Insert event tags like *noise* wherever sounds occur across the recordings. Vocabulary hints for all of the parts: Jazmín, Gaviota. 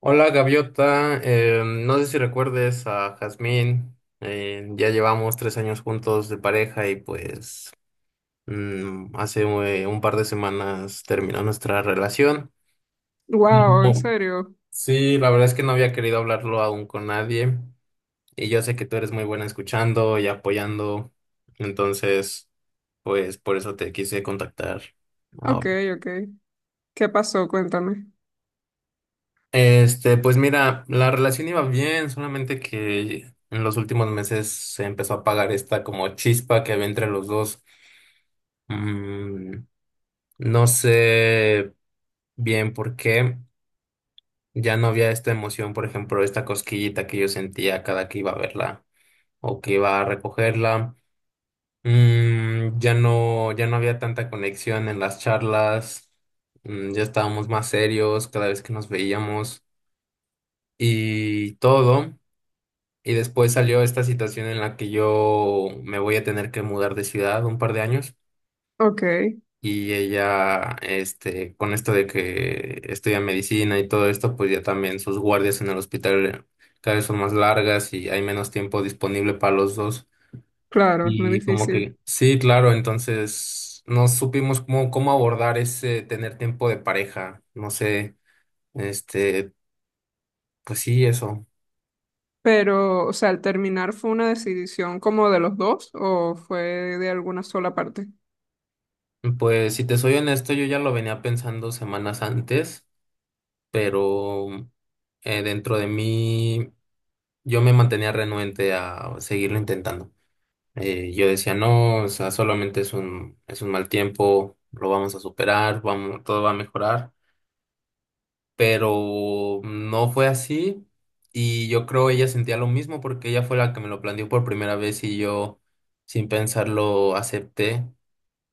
Hola Gaviota. No sé si recuerdes a Jazmín. Ya llevamos tres años juntos de pareja y pues hace un par de semanas terminó nuestra relación. Mm, Wow, ¿en oh, serio? sí, la verdad es que no había querido hablarlo aún con nadie, y yo sé que tú eres muy buena escuchando y apoyando, entonces pues por eso te quise contactar Ok, ahora. ok. ¿Qué pasó? Cuéntame. Este, pues mira, la relación iba bien, solamente que en los últimos meses se empezó a apagar esta como chispa que había entre los dos. Mm, no sé bien por qué ya no había esta emoción, por ejemplo, esta cosquillita que yo sentía cada que iba a verla o que iba a recogerla. Ya no, ya no había tanta conexión en las charlas. Ya estábamos más serios cada vez que nos veíamos y todo. Y después salió esta situación en la que yo me voy a tener que mudar de ciudad un par de años, Ok, y ella, este, con esto de que estudia medicina y todo esto, pues ya también sus guardias en el hospital cada vez son más largas y hay menos tiempo disponible para los dos. claro, es muy Y como difícil. que, sí, claro, entonces no supimos cómo abordar ese tener tiempo de pareja, no sé, este, pues sí, eso. Pero, o sea, al terminar, ¿fue una decisión como de los dos o fue de alguna sola parte? Pues si te soy honesto, yo ya lo venía pensando semanas antes, pero dentro de mí yo me mantenía renuente a seguirlo intentando. Yo decía, no, o sea, solamente es un mal tiempo, lo vamos a superar, vamos, todo va a mejorar, pero no fue así, y yo creo ella sentía lo mismo porque ella fue la que me lo planteó por primera vez y yo sin pensarlo acepté.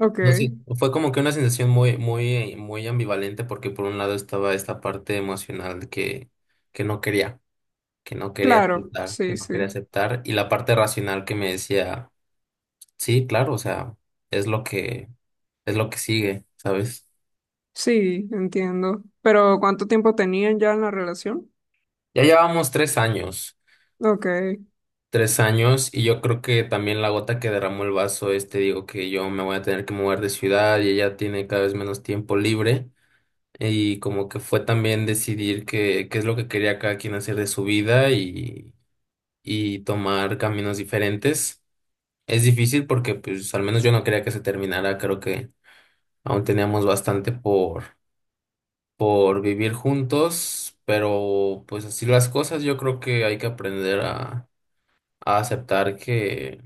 Ok, No sé, fue como que una sensación muy, muy, muy ambivalente porque por un lado estaba esta parte emocional que no quería. que no quería claro, aceptar, que sí, no quería sí. aceptar, y la parte racional que me decía, sí, claro, o sea, es lo que, es lo que sigue, ¿sabes? Sí, entiendo. Pero, ¿cuánto tiempo tenían ya en la relación? Ya llevamos 3 años, Ok, 3 años, y yo creo que también la gota que derramó el vaso es, te digo que yo me voy a tener que mover de ciudad y ella tiene cada vez menos tiempo libre. Y como que fue también decidir qué es lo que quería cada quien hacer de su vida, y tomar caminos diferentes. Es difícil porque pues al menos yo no quería que se terminara, creo que aún teníamos bastante por vivir juntos, pero pues así las cosas, yo creo que hay que aprender a aceptar que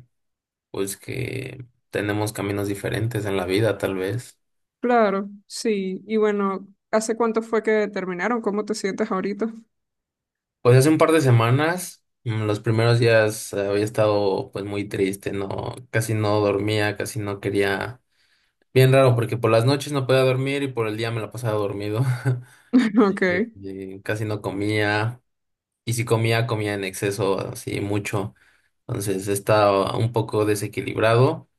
pues que tenemos caminos diferentes en la vida, tal vez. claro, sí. Y bueno, ¿hace cuánto fue que terminaron? ¿Cómo te sientes ahorita? Pues hace un par de semanas, los primeros días había estado pues muy triste, no, casi no dormía, casi no quería. Bien raro, porque por las noches no podía dormir y por el día me la pasaba dormido. *laughs* *laughs* Ok. Casi no comía. Y si comía, comía en exceso, así mucho. Entonces estaba un poco desequilibrado.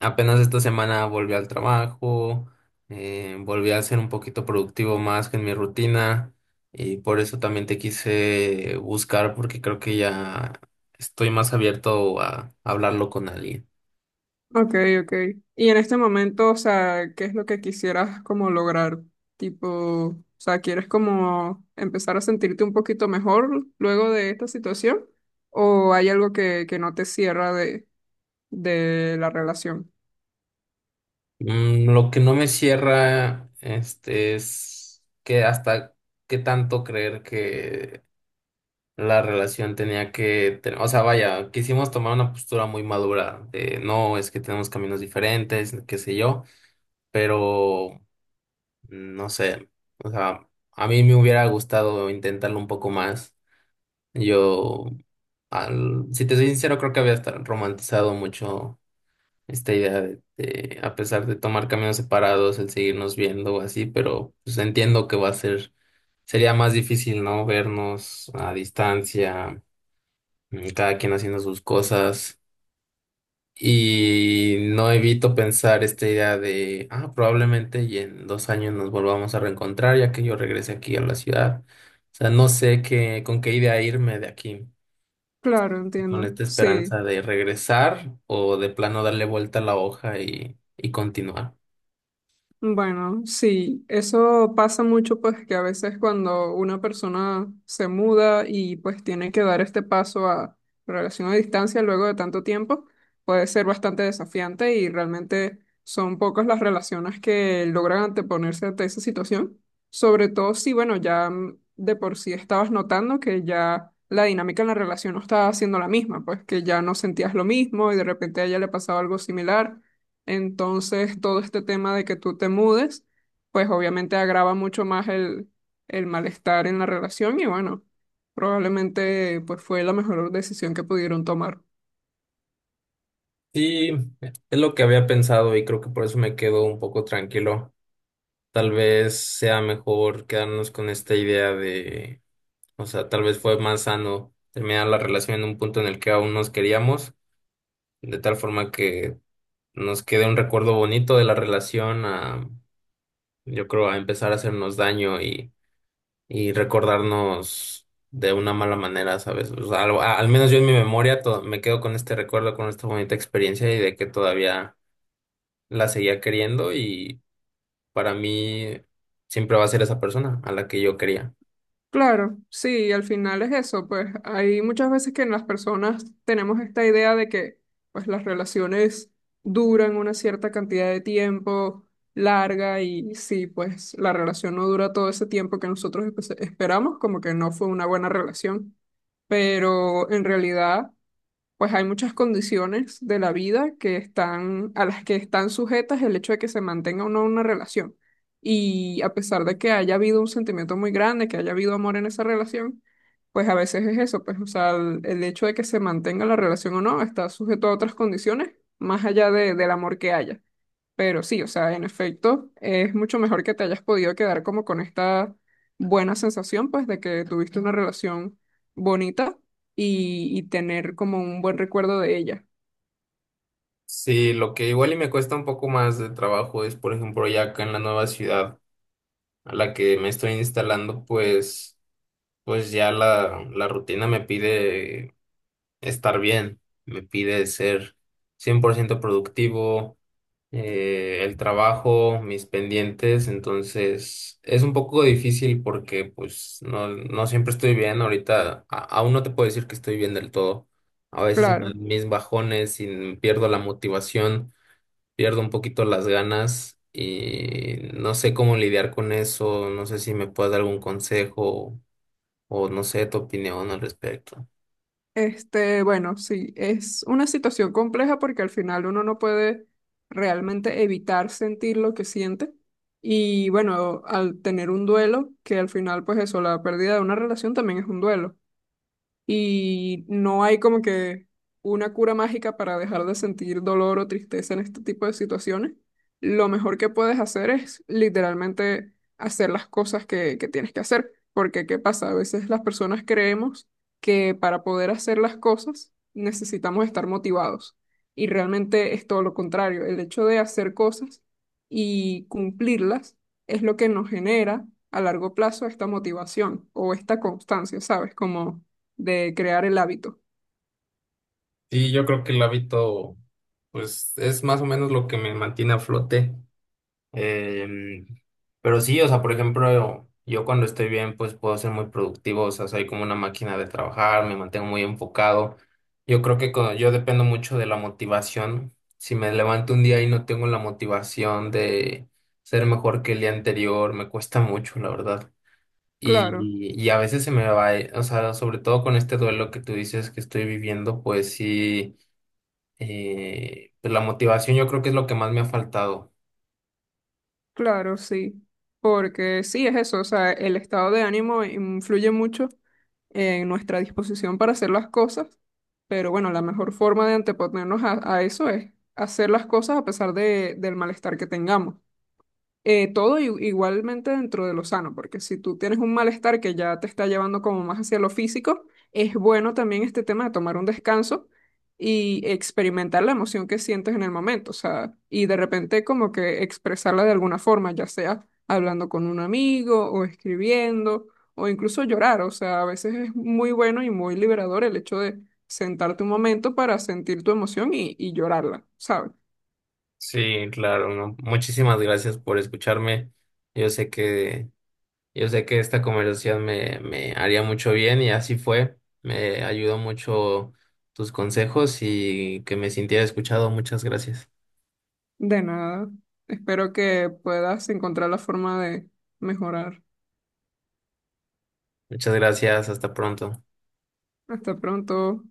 Apenas esta semana volví al trabajo, volví a ser un poquito productivo más que en mi rutina. Y por eso también te quise buscar, porque creo que ya estoy más abierto a hablarlo con alguien. Ok, ok. Y en este momento, o sea, ¿qué es lo que quisieras como lograr? Tipo, o sea, ¿quieres como empezar a sentirte un poquito mejor luego de esta situación? ¿O hay algo que no te cierra de la relación? Lo que no me cierra, este, es que hasta qué tanto creer que la relación tenía que, o sea, vaya, quisimos tomar una postura muy madura de no, es que tenemos caminos diferentes, qué sé yo, pero no sé, o sea, a mí me hubiera gustado intentarlo un poco más. Yo, al, si te soy sincero, creo que había hasta romantizado mucho esta idea de, a pesar de tomar caminos separados, el seguirnos viendo o así, pero pues entiendo que va a ser, sería más difícil, ¿no? Vernos a distancia, cada quien haciendo sus cosas. Y no evito pensar esta idea de, ah, probablemente y en 2 años nos volvamos a reencontrar ya que yo regrese aquí a la ciudad. O sea, no sé qué, con qué idea irme de aquí, Claro, con entiendo. esta Sí. esperanza de regresar o de plano darle vuelta a la hoja y continuar. Bueno, sí, eso pasa mucho, pues que a veces cuando una persona se muda y pues tiene que dar este paso a relación a distancia luego de tanto tiempo, puede ser bastante desafiante, y realmente son pocas las relaciones que logran anteponerse ante esa situación, sobre todo si, bueno, ya de por sí estabas notando que ya la dinámica en la relación no estaba siendo la misma, pues que ya no sentías lo mismo y de repente a ella le pasaba algo similar. Entonces, todo este tema de que tú te mudes, pues obviamente agrava mucho más el malestar en la relación, y bueno, probablemente pues fue la mejor decisión que pudieron tomar. Sí, es lo que había pensado y creo que por eso me quedo un poco tranquilo. Tal vez sea mejor quedarnos con esta idea de, o sea, tal vez fue más sano terminar la relación en un punto en el que aún nos queríamos, de tal forma que nos quede un recuerdo bonito de la relación a, yo creo, a empezar a hacernos daño, y recordarnos de una mala manera, ¿sabes? O sea, al menos yo en mi memoria me quedo con este recuerdo, con esta bonita experiencia, y de que todavía la seguía queriendo y para mí siempre va a ser esa persona a la que yo quería. Claro, sí, al final es eso, pues hay muchas veces que en las personas tenemos esta idea de que pues las relaciones duran una cierta cantidad de tiempo larga, y si pues la relación no dura todo ese tiempo que nosotros esperamos, como que no fue una buena relación. Pero en realidad, pues hay muchas condiciones de la vida que están, a las que están sujetas el hecho de que se mantenga o no una relación. Y a pesar de que haya habido un sentimiento muy grande, que haya habido amor en esa relación, pues a veces es eso, pues, o sea, el hecho de que se mantenga la relación o no está sujeto a otras condiciones más allá del amor que haya. Pero sí, o sea, en efecto, es mucho mejor que te hayas podido quedar como con esta buena sensación, pues, de que tuviste una relación bonita y tener como un buen recuerdo de ella. Sí, lo que igual y me cuesta un poco más de trabajo es, por ejemplo, ya acá en la nueva ciudad a la que me estoy instalando, pues, pues ya la rutina me pide estar bien, me pide ser 100% productivo, el trabajo, mis pendientes, entonces es un poco difícil porque pues no, no siempre estoy bien, ahorita aún no te puedo decir que estoy bien del todo, a veces me Claro. dan mis bajones y pierdo la motivación, pierdo un poquito las ganas y no sé cómo lidiar con eso, no sé si me puedes dar algún consejo o no sé tu opinión al respecto. Este, bueno, sí, es una situación compleja porque al final uno no puede realmente evitar sentir lo que siente. Y bueno, al tener un duelo, que al final, pues eso, la pérdida de una relación también es un duelo. Y no hay como que una cura mágica para dejar de sentir dolor o tristeza en este tipo de situaciones, lo mejor que puedes hacer es literalmente hacer las cosas que tienes que hacer. Porque, ¿qué pasa? A veces las personas creemos que para poder hacer las cosas necesitamos estar motivados. Y realmente es todo lo contrario. El hecho de hacer cosas y cumplirlas es lo que nos genera a largo plazo esta motivación o esta constancia, ¿sabes? Como de crear el hábito. Sí, yo creo que el hábito, pues, es más o menos lo que me mantiene a flote. Em, pero sí, o sea, por ejemplo, yo cuando estoy bien, pues puedo ser muy productivo, o sea, soy como una máquina de trabajar, me mantengo muy enfocado. Yo creo que yo dependo mucho de la motivación. Si me levanto un día y no tengo la motivación de ser mejor que el día anterior, me cuesta mucho, la verdad. Claro, Y a veces se me va, o sea, sobre todo con este duelo que tú dices que estoy viviendo, pues sí, pues la motivación yo creo que es lo que más me ha faltado. claro, sí. Porque sí es eso, o sea, el estado de ánimo influye mucho en nuestra disposición para hacer las cosas, pero bueno, la mejor forma de anteponernos a eso es hacer las cosas a pesar de, del malestar que tengamos. Todo igualmente dentro de lo sano, porque si tú tienes un malestar que ya te está llevando como más hacia lo físico, es bueno también este tema de tomar un descanso y experimentar la emoción que sientes en el momento, o sea, y de repente como que expresarla de alguna forma, ya sea hablando con un amigo o escribiendo o incluso llorar, o sea, a veces es muy bueno y muy liberador el hecho de sentarte un momento para sentir tu emoción y llorarla, ¿sabes? Sí, claro, ¿no? Muchísimas gracias por escucharme. Yo sé que, yo sé que esta conversación me haría mucho bien y así fue. Me ayudó mucho tus consejos y que me sintiera escuchado. Muchas gracias. De nada. Espero que puedas encontrar la forma de mejorar. Muchas gracias. Hasta pronto. Hasta pronto.